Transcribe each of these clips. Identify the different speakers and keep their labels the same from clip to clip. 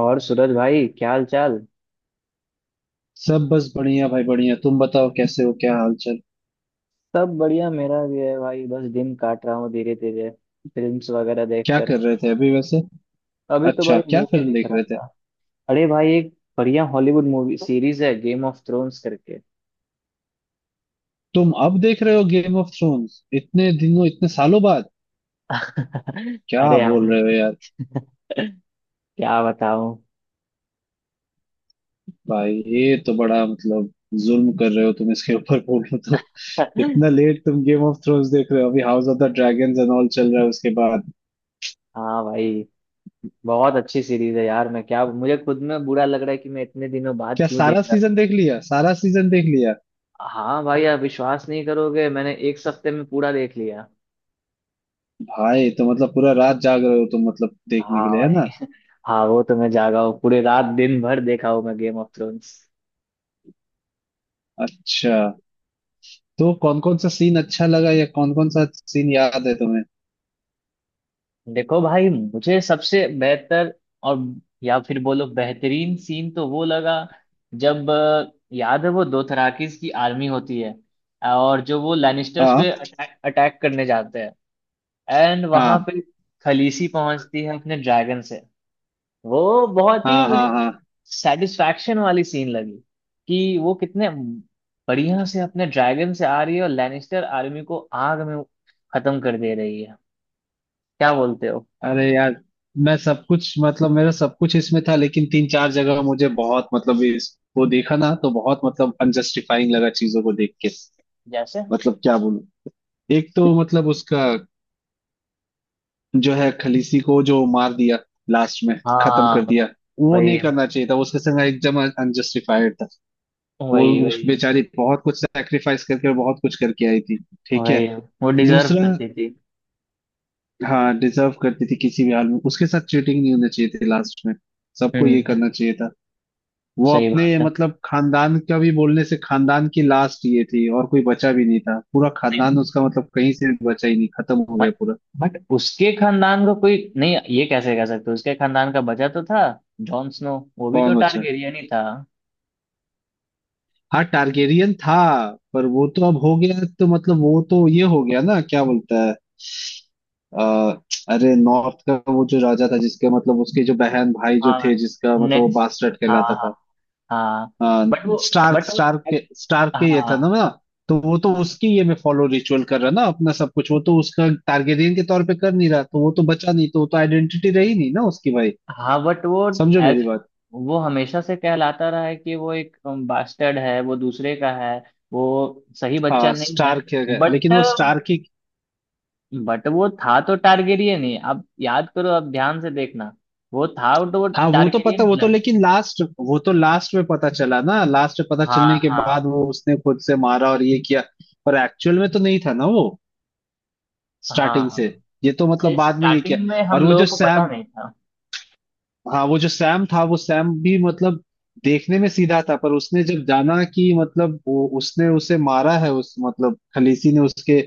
Speaker 1: और सूरज भाई, क्या हाल चाल?
Speaker 2: सब बस बढ़िया भाई बढ़िया। तुम बताओ कैसे हो, क्या हाल चाल?
Speaker 1: सब बढ़िया मेरा भी है भाई। बस दिन काट रहा हूँ धीरे धीरे, फिल्म्स वगैरह
Speaker 2: क्या
Speaker 1: देखकर।
Speaker 2: कर रहे थे अभी वैसे?
Speaker 1: अभी तो भाई
Speaker 2: अच्छा, क्या
Speaker 1: मूवी
Speaker 2: फिल्म
Speaker 1: देख
Speaker 2: देख
Speaker 1: रहा
Speaker 2: रहे थे?
Speaker 1: था। अरे भाई, एक बढ़िया हॉलीवुड मूवी सीरीज है गेम ऑफ थ्रोन्स करके।
Speaker 2: तुम अब देख रहे हो गेम ऑफ थ्रोन्स इतने दिनों इतने सालों बाद? क्या
Speaker 1: अरे
Speaker 2: बोल
Speaker 1: हम,
Speaker 2: रहे हो यार।
Speaker 1: क्या बताऊँ।
Speaker 2: भाई ये तो बड़ा मतलब जुल्म कर रहे हो तुम इसके ऊपर, बोलो तो। इतना लेट तुम गेम ऑफ थ्रोन्स देख रहे हो, अभी house of the dragons and all चल रहा है उसके बाद।
Speaker 1: हाँ भाई, बहुत अच्छी सीरीज है यार। मैं क्या, मुझे खुद में बुरा लग रहा है कि मैं इतने दिनों बाद
Speaker 2: क्या
Speaker 1: क्यों
Speaker 2: सारा
Speaker 1: देख रहा हूँ।
Speaker 2: सीजन देख लिया, सारा सीजन देख लिया?
Speaker 1: हाँ भाई, आप विश्वास नहीं करोगे, मैंने एक हफ्ते में पूरा देख लिया।
Speaker 2: भाई तो मतलब पूरा रात जाग रहे हो तुम मतलब देखने
Speaker 1: हाँ
Speaker 2: के लिए, है
Speaker 1: भाई।
Speaker 2: ना?
Speaker 1: हाँ, वो तो मैं जागा हूँ, पूरे रात दिन भर देखा हूँ मैं गेम ऑफ थ्रोन्स।
Speaker 2: अच्छा। तो कौन कौन सा सीन अच्छा लगा या कौन कौन सा सीन याद है तुम्हें?
Speaker 1: देखो भाई, मुझे सबसे बेहतर और या फिर बोलो बेहतरीन सीन तो वो लगा जब याद है वो दोथराकिस की आर्मी होती है और जो वो लैनिस्टर्स पे
Speaker 2: हाँ
Speaker 1: अटैक अटैक करने जाते हैं। एंड वहां
Speaker 2: हाँ
Speaker 1: पे खलीसी पहुंचती है अपने ड्रैगन से। वो बहुत ही
Speaker 2: हाँ। हाँ
Speaker 1: मुझे
Speaker 2: हाँ।
Speaker 1: सेटिस्फैक्शन वाली सीन लगी कि वो कितने बढ़िया से अपने ड्रैगन से आ रही है और लैनिस्टर आर्मी को आग में खत्म कर दे रही है। क्या बोलते हो?
Speaker 2: अरे यार, मैं सब कुछ मतलब मेरा सब कुछ इसमें था, लेकिन तीन चार जगह मुझे बहुत मतलब इसको देखा ना तो बहुत मतलब अनजस्टिफाइंग लगा चीजों को देख के।
Speaker 1: जैसे।
Speaker 2: मतलब क्या बोलूं। एक तो मतलब उसका जो है, खलीसी को जो मार दिया लास्ट में, खत्म
Speaker 1: हाँ,
Speaker 2: कर दिया, वो नहीं
Speaker 1: वही,
Speaker 2: करना चाहिए था उसके संग। एकदम अनजस्टिफाइड था। वो
Speaker 1: वही,
Speaker 2: उस
Speaker 1: वही,
Speaker 2: बेचारी बहुत कुछ सैक्रिफाइस करके और बहुत कुछ करके आई थी। ठीक
Speaker 1: वही।
Speaker 2: है।
Speaker 1: वो डिजर्व
Speaker 2: दूसरा,
Speaker 1: करती थी।
Speaker 2: हाँ डिजर्व करती थी, किसी भी हाल में उसके साथ चीटिंग नहीं होना चाहिए थी लास्ट में। सबको ये
Speaker 1: हम्म।
Speaker 2: करना चाहिए था। वो
Speaker 1: सही
Speaker 2: अपने
Speaker 1: बात है।
Speaker 2: मतलब खानदान का भी बोलने से, खानदान की लास्ट ये थी, और कोई बचा भी नहीं था, पूरा खानदान
Speaker 1: नहीं।
Speaker 2: उसका मतलब कहीं से भी बचा ही नहीं, खत्म हो गया
Speaker 1: बट
Speaker 2: पूरा।
Speaker 1: बट उसके खानदान को कोई नहीं, ये कैसे कह सकते? उसके खानदान का बचा तो था। जॉन स्नो, वो भी तो
Speaker 2: कौन बचा?
Speaker 1: टारगेरियन ही था।
Speaker 2: हाँ टारगेरियन था। पर वो तो अब हो गया तो मतलब वो तो ये हो गया ना, क्या बोलता है। अ, अरे नॉर्थ का वो जो राजा था जिसके मतलब उसके जो बहन भाई जो
Speaker 1: हाँ।
Speaker 2: थे जिसका मतलब वो
Speaker 1: नेक्स्ट।
Speaker 2: बास्टर्ड कहलाता
Speaker 1: हाँ।
Speaker 2: था।
Speaker 1: हाँ।
Speaker 2: आ,
Speaker 1: बट वो
Speaker 2: स्टार्क
Speaker 1: बट वो
Speaker 2: स्टार्क के ये था ना
Speaker 1: हाँ
Speaker 2: ना। तो वो तो उसकी ये में फॉलो रिचुअल कर रहा ना अपना सब कुछ, वो तो उसका टारगेरियन के तौर पे कर नहीं रहा, तो वो तो बचा नहीं, तो वो तो आइडेंटिटी रही नहीं ना उसकी, भाई
Speaker 1: हाँ। बट वो
Speaker 2: समझो मेरी
Speaker 1: एज
Speaker 2: बात।
Speaker 1: वो हमेशा से कहलाता रहा है कि वो एक बास्टर्ड है, वो दूसरे का है। वो सही बच्चा
Speaker 2: हाँ
Speaker 1: नहीं है।
Speaker 2: स्टार्क है
Speaker 1: बट
Speaker 2: लेकिन वो स्टार्क ही।
Speaker 1: बट वो था तो टारगेरियन ही। आप याद करो, आप ध्यान से देखना। वो था तो वो
Speaker 2: हाँ वो तो
Speaker 1: टारगेरियन
Speaker 2: पता, वो तो
Speaker 1: ब्लड।
Speaker 2: लेकिन लास्ट, वो तो लास्ट में पता चला ना, लास्ट में पता
Speaker 1: हाँ,
Speaker 2: चलने के
Speaker 1: हाँ,
Speaker 2: बाद वो उसने खुद से मारा और ये किया। पर एक्चुअल में तो नहीं था ना वो
Speaker 1: हाँ,
Speaker 2: स्टार्टिंग से।
Speaker 1: हाँ।
Speaker 2: ये तो मतलब बाद में ये किया।
Speaker 1: स्टार्टिंग में हम
Speaker 2: और वो
Speaker 1: लोगों
Speaker 2: जो
Speaker 1: को पता
Speaker 2: सैम,
Speaker 1: नहीं था।
Speaker 2: हाँ वो जो सैम था वो सैम भी मतलब देखने में सीधा था, पर उसने जब जाना कि मतलब वो उसने उसे मारा है, उस मतलब खलीसी ने उसके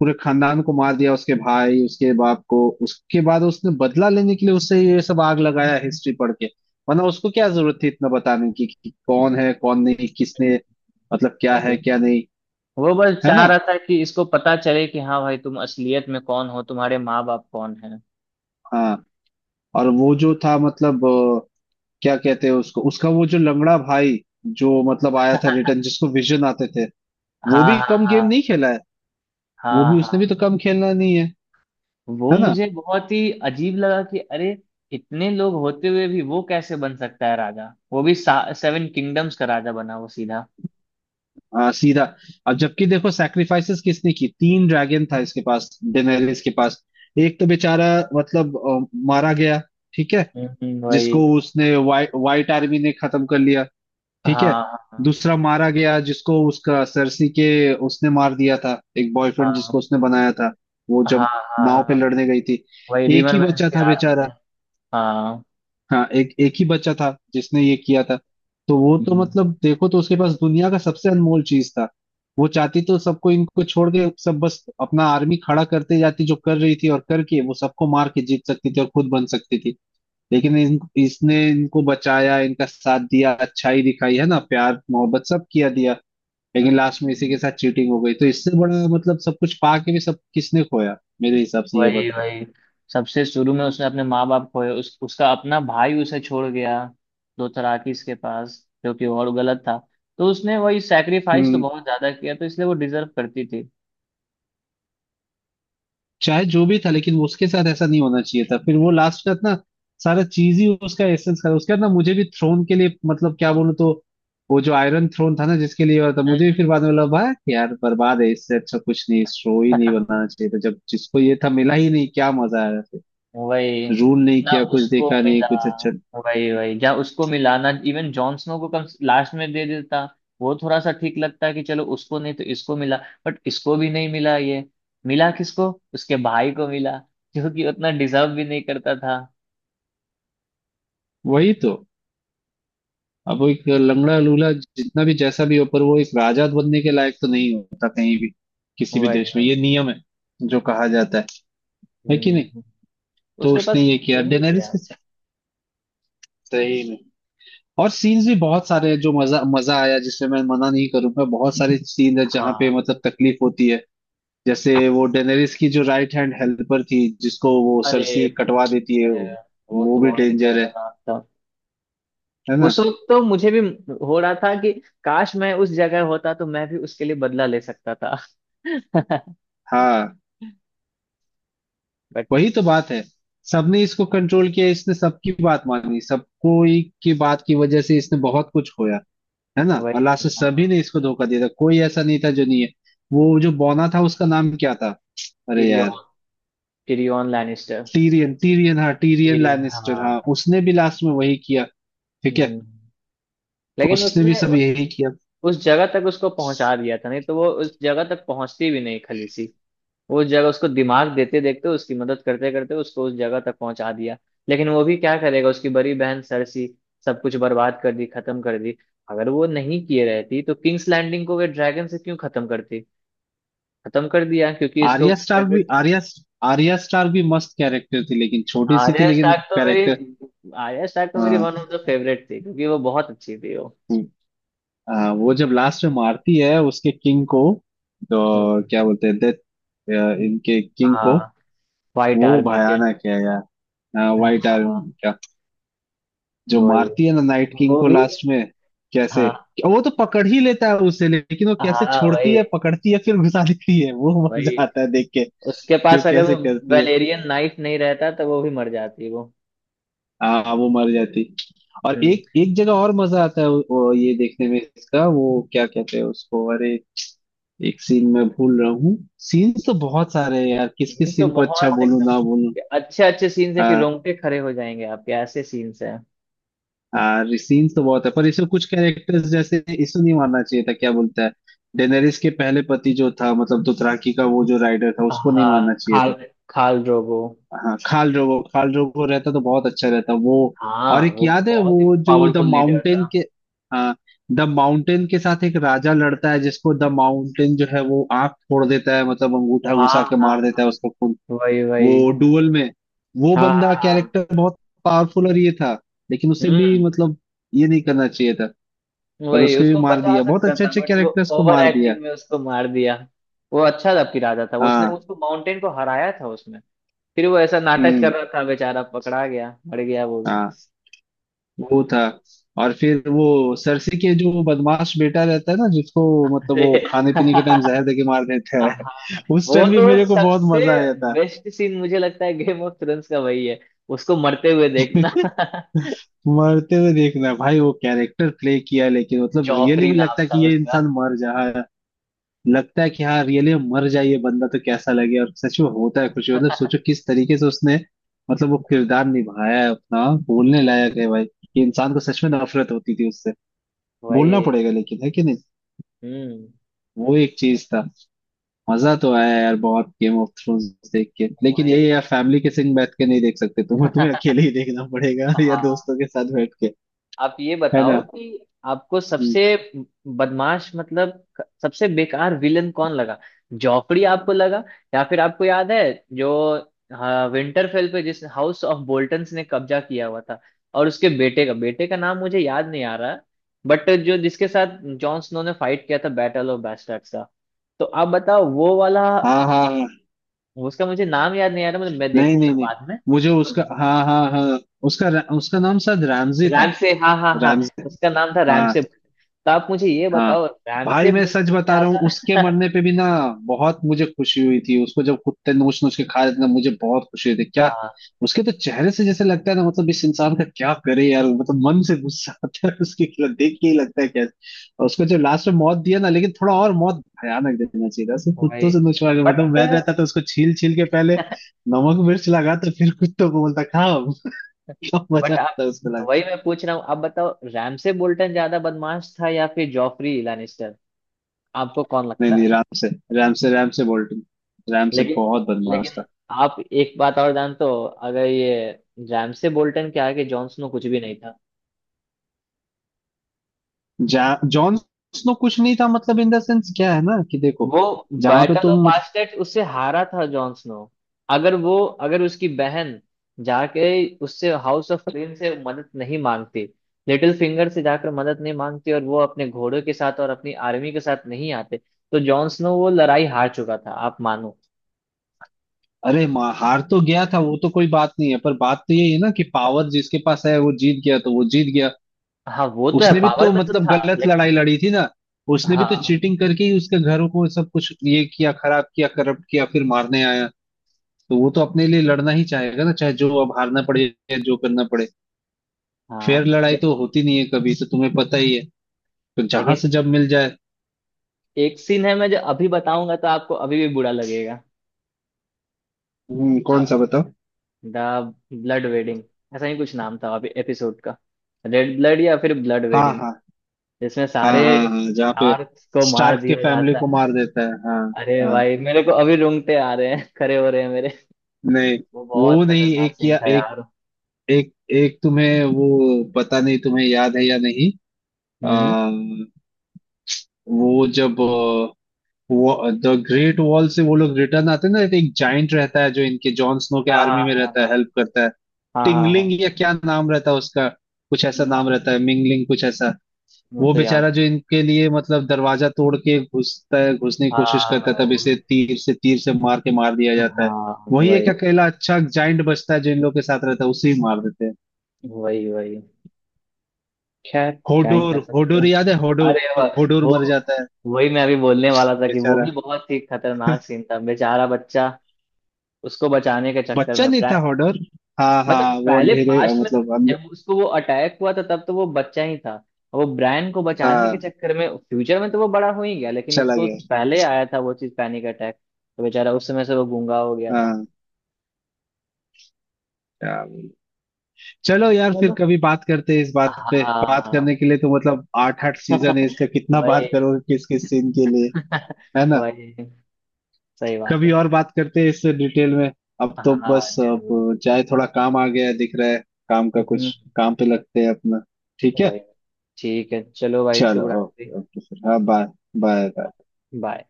Speaker 2: पूरे खानदान को मार दिया, उसके भाई, उसके बाप को, उसके बाद उसने बदला लेने के लिए उससे ये सब आग लगाया हिस्ट्री पढ़ के। वरना उसको क्या जरूरत थी इतना बताने की कि कौन है कौन नहीं, किसने मतलब क्या है
Speaker 1: भाई,
Speaker 2: क्या नहीं,
Speaker 1: वो बस
Speaker 2: है
Speaker 1: चाह
Speaker 2: ना।
Speaker 1: रहा था कि इसको पता चले कि हाँ भाई, तुम असलियत में कौन हो, तुम्हारे माँ बाप कौन है।
Speaker 2: हाँ। और वो जो था मतलब क्या कहते हैं उसको, उसका वो जो लंगड़ा भाई जो मतलब आया था
Speaker 1: हाँ,
Speaker 2: रिटर्न, जिसको विजन आते थे। वो
Speaker 1: हाँ,
Speaker 2: भी कम गेम
Speaker 1: हाँ,
Speaker 2: नहीं खेला है। वो
Speaker 1: हाँ,
Speaker 2: भी
Speaker 1: हाँ।
Speaker 2: उसने भी तो कम खेलना नहीं है।
Speaker 1: वो
Speaker 2: है ना।
Speaker 1: मुझे बहुत ही अजीब लगा कि अरे, इतने लोग होते हुए भी वो कैसे बन सकता है राजा? वो भी सेवन किंगडम्स का राजा बना वो, सीधा।
Speaker 2: सीधा। अब जबकि देखो सैक्रिफाइसेस किसने की, तीन ड्रैगन था इसके पास, डेनेरिस के पास। एक तो बेचारा मतलब मारा गया, ठीक है,
Speaker 1: हम्म। वही।
Speaker 2: जिसको उसने वाइट आर्मी ने खत्म कर लिया, ठीक है।
Speaker 1: हाँ। हाँ।
Speaker 2: दूसरा मारा गया जिसको उसका सरसी के उसने मार दिया था, एक बॉयफ्रेंड जिसको
Speaker 1: हाँ।
Speaker 2: उसने बनाया था, वो
Speaker 1: हाँ।
Speaker 2: जब
Speaker 1: हाँ।
Speaker 2: नाव पे
Speaker 1: हाँ,
Speaker 2: लड़ने गई थी।
Speaker 1: वही
Speaker 2: एक
Speaker 1: रिवर
Speaker 2: ही
Speaker 1: वैन्स
Speaker 2: बच्चा
Speaker 1: के
Speaker 2: था
Speaker 1: आर्मी ने।
Speaker 2: बेचारा।
Speaker 1: हाँ।
Speaker 2: हाँ एक एक ही बच्चा था जिसने ये किया था। तो वो तो
Speaker 1: हम्म।
Speaker 2: मतलब देखो, तो उसके पास दुनिया का सबसे अनमोल चीज था। वो चाहती तो सबको इनको छोड़ के सब बस अपना आर्मी खड़ा करते जाती जो कर रही थी, और करके वो सबको मार के जीत सकती थी और खुद बन सकती थी। लेकिन इसने इनको बचाया, इनका साथ दिया, अच्छाई दिखाई, है ना, प्यार मोहब्बत सब किया दिया।
Speaker 1: हम्म,
Speaker 2: लेकिन लास्ट में इसी के
Speaker 1: हम्म।
Speaker 2: साथ चीटिंग हो गई, तो इससे बड़ा मतलब सब कुछ पा के भी सब किसने खोया, मेरे हिसाब से ये।
Speaker 1: वही, वही। सबसे शुरू में उसने अपने माँ बाप खोए। उसका अपना भाई उसे छोड़ गया दोथराकिस के पास, जो कि और गलत था। तो उसने वही सैक्रिफाइस तो
Speaker 2: बताओ,
Speaker 1: बहुत ज्यादा किया, तो इसलिए वो डिजर्व करती थी।
Speaker 2: चाहे जो भी था लेकिन उसके साथ ऐसा नहीं होना चाहिए था। फिर वो लास्ट का ना सारा चीज ही उसका एसेंस का उसके बाद ना, मुझे भी थ्रोन के लिए मतलब क्या बोलूं तो। वो जो आयरन थ्रोन था ना जिसके लिए हुआ था, मुझे
Speaker 1: हम्म।
Speaker 2: भी फिर बाद में लगा भाई यार बर्बाद है, इससे अच्छा कुछ नहीं, शो ही नहीं बनाना चाहिए था जब जिसको ये था मिला ही नहीं, क्या मजा आया फिर।
Speaker 1: वही।
Speaker 2: रूल नहीं
Speaker 1: ना
Speaker 2: किया कुछ,
Speaker 1: उसको
Speaker 2: देखा नहीं
Speaker 1: मिला।
Speaker 2: कुछ अच्छा।
Speaker 1: वही, वही। जहाँ उसको मिला, ना इवन जॉन स्नो को कम लास्ट में दे देता। वो थोड़ा सा ठीक लगता है कि चलो उसको नहीं तो इसको मिला। बट इसको भी नहीं मिला ये। मिला किसको? उसके भाई को मिला, जो कि उतना डिजर्व भी नहीं करता था।
Speaker 2: वही तो। अब वो एक लंगड़ा लूला जितना भी जैसा भी हो पर वो एक राजा बनने के लायक तो नहीं होता कहीं भी, किसी भी
Speaker 1: वही।
Speaker 2: देश में ये नियम है जो कहा जाता है कि नहीं।
Speaker 1: हम्म।
Speaker 2: तो
Speaker 1: उसके
Speaker 2: उसने
Speaker 1: पास
Speaker 2: ये किया
Speaker 1: यही
Speaker 2: डेनेरिस
Speaker 1: क्या।
Speaker 2: के साथ। सही में। और सीन्स भी बहुत सारे हैं जो मजा मजा आया जिसमें मैं मना नहीं करूंगा, बहुत सारे सीन है जहाँ पे
Speaker 1: हाँ।
Speaker 2: मतलब तकलीफ होती है। जैसे वो डेनेरिस की जो राइट हैंड हेल्पर थी जिसको वो
Speaker 1: अरे,
Speaker 2: सरसी कटवा देती
Speaker 1: अ,
Speaker 2: है वो
Speaker 1: वो
Speaker 2: वो
Speaker 1: तो
Speaker 2: भी
Speaker 1: बहुत ही
Speaker 2: डेंजर है
Speaker 1: दर्दनाक था।
Speaker 2: है ना।
Speaker 1: उस वक्त तो मुझे भी हो रहा था कि काश मैं उस जगह होता तो मैं भी उसके लिए बदला ले सकता था।
Speaker 2: हाँ।
Speaker 1: बट।
Speaker 2: वही तो बात है। सबने इसको कंट्रोल किया, इसने सबकी बात मानी, सबको ही की बात की वजह से इसने बहुत कुछ खोया, है ना,
Speaker 1: वही।
Speaker 2: और लास्ट में
Speaker 1: हाँ।
Speaker 2: सभी ने इसको धोखा दिया था, कोई ऐसा नहीं था जो नहीं है। वो जो बौना था उसका नाम क्या था, अरे यार।
Speaker 1: Tyrion. Tyrion Lannister.
Speaker 2: Tyrion, Tyrion, हाँ टीरियन
Speaker 1: टिरियन,
Speaker 2: लैनिस्टर, हाँ
Speaker 1: हाँ।
Speaker 2: उसने भी लास्ट में वही किया। ठीक है।
Speaker 1: हम्म। लेकिन
Speaker 2: उसने भी
Speaker 1: उसने
Speaker 2: सब
Speaker 1: उस
Speaker 2: यही किया।
Speaker 1: उस जगह तक उसको पहुंचा दिया था, नहीं तो वो उस जगह तक पहुंचती भी नहीं, खलीसी। उस जगह उसको दिमाग देते देखते, उसकी मदद करते करते उसको उस जगह तक पहुंचा दिया। लेकिन वो भी क्या करेगा, उसकी बड़ी बहन सरसी सब कुछ बर्बाद कर दी, खत्म कर दी। अगर वो नहीं किए रहती तो किंग्स लैंडिंग को वे ड्रैगन से क्यों खत्म करती? खत्म कर दिया क्योंकि इसको
Speaker 2: आर्या स्टार्क भी,
Speaker 1: फेवरेट।
Speaker 2: आर्या आर्या स्टार्क भी मस्त कैरेक्टर थी, लेकिन छोटी सी थी
Speaker 1: आर्या
Speaker 2: लेकिन।
Speaker 1: स्टार्क तो मेरी
Speaker 2: कैरेक्टर।
Speaker 1: आर्या स्टार्क तो मेरी
Speaker 2: हाँ।
Speaker 1: वन ऑफ द फेवरेट थी क्योंकि वो बहुत अच्छी थी वो।
Speaker 2: हम्म, हाँ, वो जब लास्ट में मारती है उसके किंग को
Speaker 1: हम्म।
Speaker 2: तो क्या
Speaker 1: हम्म।
Speaker 2: बोलते हैं, डेथ।
Speaker 1: हम्म।
Speaker 2: इनके किंग
Speaker 1: हाँ,
Speaker 2: को,
Speaker 1: व्हाइट
Speaker 2: वो
Speaker 1: आर्मी के।
Speaker 2: भयानक है यार। हाँ, व्हाइट
Speaker 1: हाँ।
Speaker 2: आयरन जो
Speaker 1: वही।
Speaker 2: मारती है ना नाइट किंग
Speaker 1: वो
Speaker 2: को
Speaker 1: भी।
Speaker 2: लास्ट में, कैसे।
Speaker 1: हाँ।
Speaker 2: वो तो पकड़ ही लेता है उसे, लेकिन वो कैसे
Speaker 1: हाँ, वही,
Speaker 2: छोड़ती है पकड़ती है फिर घुसा देती है, वो
Speaker 1: वही।
Speaker 2: मजा आता है देख के
Speaker 1: उसके
Speaker 2: कि वो
Speaker 1: पास अगर
Speaker 2: कैसे
Speaker 1: वो
Speaker 2: करती है।
Speaker 1: वेलेरियन नाइफ नहीं रहता तो वो भी मर जाती वो।
Speaker 2: हाँ वो मर जाती। और
Speaker 1: हम्म।
Speaker 2: एक एक जगह और मजा आता है वो ये देखने में इसका वो क्या कहते हैं उसको, अरे एक सीन मैं भूल रहा हूँ। सीन्स तो बहुत सारे हैं यार, किस किस
Speaker 1: सीन्स तो
Speaker 2: सीन को अच्छा
Speaker 1: बहुत
Speaker 2: बोलूं
Speaker 1: एकदम
Speaker 2: ना बोलूं।
Speaker 1: कि अच्छे अच्छे सीन्स है कि रोंगटे खड़े हो जाएंगे आपके, ऐसे सीन्स हैं।
Speaker 2: सीन्स तो बहुत है, पर इसमें कुछ कैरेक्टर्स जैसे इसको नहीं मारना चाहिए था, क्या बोलता है, डेनेरिस के पहले पति जो था मतलब दोथराकी का वो जो राइडर था, उसको नहीं
Speaker 1: हाँ,
Speaker 2: मारना चाहिए
Speaker 1: खाल
Speaker 2: था।
Speaker 1: खाल ड्रोगो।
Speaker 2: हाँ खाल ड्रोगो, खाल ड्रोगो रहता तो बहुत अच्छा रहता वो। और
Speaker 1: हाँ,
Speaker 2: एक
Speaker 1: वो
Speaker 2: याद है
Speaker 1: बहुत ही
Speaker 2: वो जो द
Speaker 1: पावरफुल लीडर
Speaker 2: माउंटेन
Speaker 1: था।
Speaker 2: के, हाँ द माउंटेन के साथ एक राजा लड़ता है जिसको द माउंटेन जो है वो आंख फोड़ देता है, मतलब अंगूठा
Speaker 1: हाँ,
Speaker 2: घुसा के
Speaker 1: हाँ।
Speaker 2: मार देता है उसका खून,
Speaker 1: वही, वही।
Speaker 2: वो डुअल में। वो
Speaker 1: हाँ, हाँ,
Speaker 2: बंदा
Speaker 1: हाँ।
Speaker 2: कैरेक्टर बहुत पावरफुल और ये था, लेकिन उसे भी
Speaker 1: हम्म।
Speaker 2: मतलब ये नहीं करना चाहिए था। पर
Speaker 1: वही
Speaker 2: उसके भी
Speaker 1: उसको
Speaker 2: मार
Speaker 1: बचा
Speaker 2: दिया, बहुत
Speaker 1: सकता
Speaker 2: अच्छे
Speaker 1: था
Speaker 2: अच्छे
Speaker 1: बट वो
Speaker 2: कैरेक्टर्स को
Speaker 1: ओवर
Speaker 2: मार दिया।
Speaker 1: एक्टिंग में उसको मार दिया। वो अच्छा था कि राजा था, उसने
Speaker 2: हाँ
Speaker 1: उसको माउंटेन को हराया था उसमें। फिर वो ऐसा नाटक कर
Speaker 2: हम्म
Speaker 1: रहा था, बेचारा पकड़ा गया, मर गया वो भी।
Speaker 2: हाँ वो था। और फिर वो सरसी के जो बदमाश बेटा रहता है ना जिसको मतलब वो
Speaker 1: अरे,
Speaker 2: खाने पीने के टाइम जहर देके मार देता है।
Speaker 1: हाँ।
Speaker 2: उस
Speaker 1: वो
Speaker 2: टाइम भी
Speaker 1: तो
Speaker 2: मेरे को बहुत
Speaker 1: सबसे
Speaker 2: मजा आया था।
Speaker 1: बेस्ट सीन मुझे लगता है गेम ऑफ थ्रोन्स का वही है। उसको मरते हुए देखना।
Speaker 2: मरते हुए देखना भाई, वो कैरेक्टर प्ले किया लेकिन मतलब रियली
Speaker 1: जॉफरी
Speaker 2: भी
Speaker 1: नाम
Speaker 2: लगता है
Speaker 1: था
Speaker 2: कि ये
Speaker 1: उसका।
Speaker 2: इंसान मर जा, लगता है कि हाँ रियली मर जाए ये बंदा तो कैसा लगे, और सच में होता है कुछ मतलब सोचो किस तरीके से उसने मतलब वो किरदार निभाया है अपना, बोलने लायक है भाई कि इंसान को सच में नफरत होती थी उससे, बोलना
Speaker 1: वही।
Speaker 2: पड़ेगा, लेकिन है कि नहीं।
Speaker 1: हम्म।
Speaker 2: वो एक चीज था। मजा तो आया यार बहुत गेम ऑफ थ्रोन्स देख के, लेकिन
Speaker 1: वही।
Speaker 2: यही यार फैमिली के संग बैठ के नहीं देख सकते, तुम्हें तुम्हें अकेले ही देखना पड़ेगा या
Speaker 1: हाँ।
Speaker 2: दोस्तों के साथ बैठ के।
Speaker 1: आप ये
Speaker 2: है ना।
Speaker 1: बताओ कि आपको
Speaker 2: हम्म,
Speaker 1: सबसे बदमाश, मतलब सबसे बेकार विलन कौन लगा? जॉफरी आपको लगा, या फिर आपको याद है जो, हाँ, विंटरफेल पे जिस हाउस ऑफ बोल्टन्स ने कब्जा किया हुआ था, और उसके बेटे का नाम मुझे याद नहीं आ रहा। बट जो, जिसके साथ जॉन स्नो ने फाइट किया था बैटल ऑफ बास्टर्ड्स का, तो आप बताओ वो वाला।
Speaker 2: हाँ। हाँ हाँ
Speaker 1: उसका मुझे नाम याद नहीं आ रहा, मतलब मैं
Speaker 2: नहीं नहीं
Speaker 1: देखूंगा
Speaker 2: नहीं,
Speaker 1: बाद में।
Speaker 2: मुझे उसका हाँ हाँ हाँ, उसका उसका नाम शायद रैमजी था।
Speaker 1: रैमसे, हाँ, हाँ, हाँ।
Speaker 2: रैमजी।
Speaker 1: उसका नाम था
Speaker 2: हाँ।
Speaker 1: Ramsay bolt. तो आप मुझे ये
Speaker 2: हाँ
Speaker 1: बताओ रैमसे
Speaker 2: भाई मैं
Speaker 1: बोल्ट
Speaker 2: सच
Speaker 1: से
Speaker 2: बता रहा हूँ, उसके
Speaker 1: ज्यादा।
Speaker 2: मरने पे भी ना, बहुत मुझे खुशी हुई थी। उसको जब कुत्ते नोच नोच के खा रहे थे ना, मुझे बहुत खुशी हुई थी, क्या।
Speaker 1: हाँ।
Speaker 2: उसके तो चेहरे से जैसे लगता है ना, मतलब इस इंसान का क्या करे यार, मतलब मन से गुस्सा आता है उसके खिलाफ देख के ही लगता है कैसे। और उसको जब लास्ट में मौत दिया ना, लेकिन थोड़ा और मौत भयानक दे देना चाहिए था उसको,
Speaker 1: वही।
Speaker 2: कुत्तों से नोचवा के, मतलब
Speaker 1: बट
Speaker 2: मैं रहता तो उसको छील छील के पहले नमक मिर्च लगा तो फिर कुत्तों को बोलता खाओ मजा
Speaker 1: बट आप।
Speaker 2: आता उसको।
Speaker 1: वही मैं पूछ रहा हूँ। आप बताओ, रैमसे बोल्टन ज्यादा बदमाश था या फिर जॉफरी लानिस्टर? आपको कौन
Speaker 2: नहीं
Speaker 1: लगता
Speaker 2: नहीं,
Speaker 1: है?
Speaker 2: राम से, राम से, राम से बोल्टन, राम से
Speaker 1: लेकिन
Speaker 2: बहुत बदमाश
Speaker 1: लेकिन
Speaker 2: था।
Speaker 1: आप एक बात और जानते हो? अगर ये रैमसे बोल्टन के आगे जॉन स्नो कुछ भी नहीं था।
Speaker 2: जा जॉन स्नो कुछ नहीं था, मतलब इन द सेंस क्या है ना कि देखो,
Speaker 1: वो
Speaker 2: जहां पे
Speaker 1: बैटल ऑफ
Speaker 2: तुम मत।
Speaker 1: बास्टेट उससे हारा था जॉन स्नो। अगर वो अगर उसकी बहन जाके उससे हाउस ऑफ फ्लेम से मदद नहीं मांगती, लिटिल फिंगर से जाकर मदद नहीं मांगती और वो अपने घोड़े के साथ और अपनी आर्मी के साथ नहीं आते, तो जॉन स्नो वो लड़ाई हार चुका था, आप मानो।
Speaker 2: अरे माँ, हार तो गया था वो तो कोई बात नहीं है, पर बात तो यही है ना कि पावर जिसके पास है वो जीत गया तो वो जीत गया।
Speaker 1: हाँ, वो तो है,
Speaker 2: उसने भी तो
Speaker 1: पावर में तो
Speaker 2: मतलब
Speaker 1: था
Speaker 2: गलत
Speaker 1: लेकिन।
Speaker 2: लड़ाई लड़ी थी ना, उसने भी तो
Speaker 1: हाँ,
Speaker 2: चीटिंग करके ही उसके घरों को सब कुछ ये किया, खराब किया, करप्ट किया, फिर मारने आया। तो वो तो अपने लिए लड़ना ही चाहेगा ना, चाहे जो अब हारना पड़े या जो करना पड़े।
Speaker 1: हाँ।
Speaker 2: फेयर लड़ाई
Speaker 1: ले,
Speaker 2: तो होती नहीं है कभी, तो तुम्हें पता ही है, तो जहां
Speaker 1: लेकिन
Speaker 2: से जब मिल जाए।
Speaker 1: एक सीन है, मैं जो अभी बताऊंगा तो आपको अभी भी बुरा लगेगा।
Speaker 2: कौन सा बताओ?
Speaker 1: द ब्लड वेडिंग, ऐसा ही कुछ नाम था एपिसोड का। रेड ब्लड या फिर ब्लड
Speaker 2: हाँ
Speaker 1: वेडिंग,
Speaker 2: हाँ
Speaker 1: जिसमें
Speaker 2: हाँ।
Speaker 1: सारे
Speaker 2: हाँ हाँ जहाँ पे
Speaker 1: शार्क्स को मार
Speaker 2: स्टार्क के
Speaker 1: दिया
Speaker 2: फैमिली
Speaker 1: जाता
Speaker 2: को
Speaker 1: है।
Speaker 2: मार देता है, हाँ
Speaker 1: अरे
Speaker 2: हाँ।
Speaker 1: भाई, मेरे को अभी रोंगटे आ रहे हैं, खड़े हो रहे हैं मेरे।
Speaker 2: नहीं
Speaker 1: वो बहुत
Speaker 2: वो नहीं,
Speaker 1: खतरनाक
Speaker 2: एक
Speaker 1: सीन
Speaker 2: या
Speaker 1: था
Speaker 2: एक
Speaker 1: यार।
Speaker 2: एक एक तुम्हें वो पता नहीं, तुम्हें याद है या नहीं।
Speaker 1: हम्म।
Speaker 2: आ, वो जब द ग्रेट वॉल से वो लोग रिटर्न आते हैं ना, तो एक जाइंट रहता है जो इनके जॉन स्नो के
Speaker 1: हाँ,
Speaker 2: आर्मी में
Speaker 1: हाँ,
Speaker 2: रहता है,
Speaker 1: हाँ।
Speaker 2: हेल्प करता है।
Speaker 1: हाँ, हाँ,
Speaker 2: टिंगलिंग
Speaker 1: हाँ।
Speaker 2: या क्या नाम रहता है उसका, कुछ ऐसा नाम
Speaker 1: हाँ,
Speaker 2: रहता है, मिंगलिंग कुछ ऐसा।
Speaker 1: वो
Speaker 2: वो
Speaker 1: तो
Speaker 2: बेचारा
Speaker 1: यार।
Speaker 2: जो इनके लिए मतलब दरवाजा तोड़ के घुसता है, घुसने की कोशिश करता
Speaker 1: हाँ,
Speaker 2: है, तब
Speaker 1: वही।
Speaker 2: इसे तीर से मार के मार दिया जाता है।
Speaker 1: हाँ,
Speaker 2: वही
Speaker 1: वही,
Speaker 2: एक अकेला अच्छा जाइंट बचता है जो इन लोग के साथ रहता है, उसे ही मार देते हैं।
Speaker 1: वही, वही। खैर, क्या ही
Speaker 2: होडोर,
Speaker 1: कर सकते
Speaker 2: होडोर
Speaker 1: हैं।
Speaker 2: याद है,
Speaker 1: अरे
Speaker 2: होडोर,
Speaker 1: वाह,
Speaker 2: होडोर
Speaker 1: वो
Speaker 2: मर जाता है
Speaker 1: वही मैं अभी बोलने वाला था कि वो
Speaker 2: बेचारा।
Speaker 1: भी बहुत ही खतरनाक सीन था। बेचारा बच्चा, उसको बचाने के चक्कर
Speaker 2: बच्चा
Speaker 1: में
Speaker 2: नहीं था
Speaker 1: ब्रैंड को।
Speaker 2: होडोर। हाँ
Speaker 1: मतलब
Speaker 2: हाँ वो
Speaker 1: पहले
Speaker 2: अंधेरे
Speaker 1: पास्ट में
Speaker 2: मतलब
Speaker 1: जब उसको वो अटैक हुआ था तब तो वो बच्चा ही था। वो ब्रैंड को बचाने
Speaker 2: हाँ,
Speaker 1: के चक्कर में फ्यूचर में तो वो बड़ा हो ही गया, लेकिन
Speaker 2: चला
Speaker 1: उसको तो
Speaker 2: गया।
Speaker 1: पहले आया था वो चीज, पैनिक अटैक। तो बेचारा उस समय से वो गूंगा हो गया था।
Speaker 2: हाँ, क्या बोलूं। चलो यार फिर
Speaker 1: चलो।
Speaker 2: कभी बात करते हैं इस बात पे। बात
Speaker 1: हाँ।
Speaker 2: करने के लिए तो मतलब आठ आठ सीजन है इसका, कितना बात
Speaker 1: वही।
Speaker 2: करोगे, किस किस सीन के लिए। है ना।
Speaker 1: वही। सही बात
Speaker 2: कभी
Speaker 1: है।
Speaker 2: और बात करते हैं इससे डिटेल में। अब तो
Speaker 1: हाँ,
Speaker 2: बस
Speaker 1: जरूर।
Speaker 2: अब चाहे थोड़ा काम आ गया है, दिख रहा है, काम का
Speaker 1: हम्म,
Speaker 2: कुछ काम पे लगते हैं अपना। ठीक है।
Speaker 1: वही। ठीक है, चलो भाई,
Speaker 2: चलो
Speaker 1: शुभ रात्रि।
Speaker 2: ओके ओके, फिर हाँ बाय। बाय।
Speaker 1: बाय।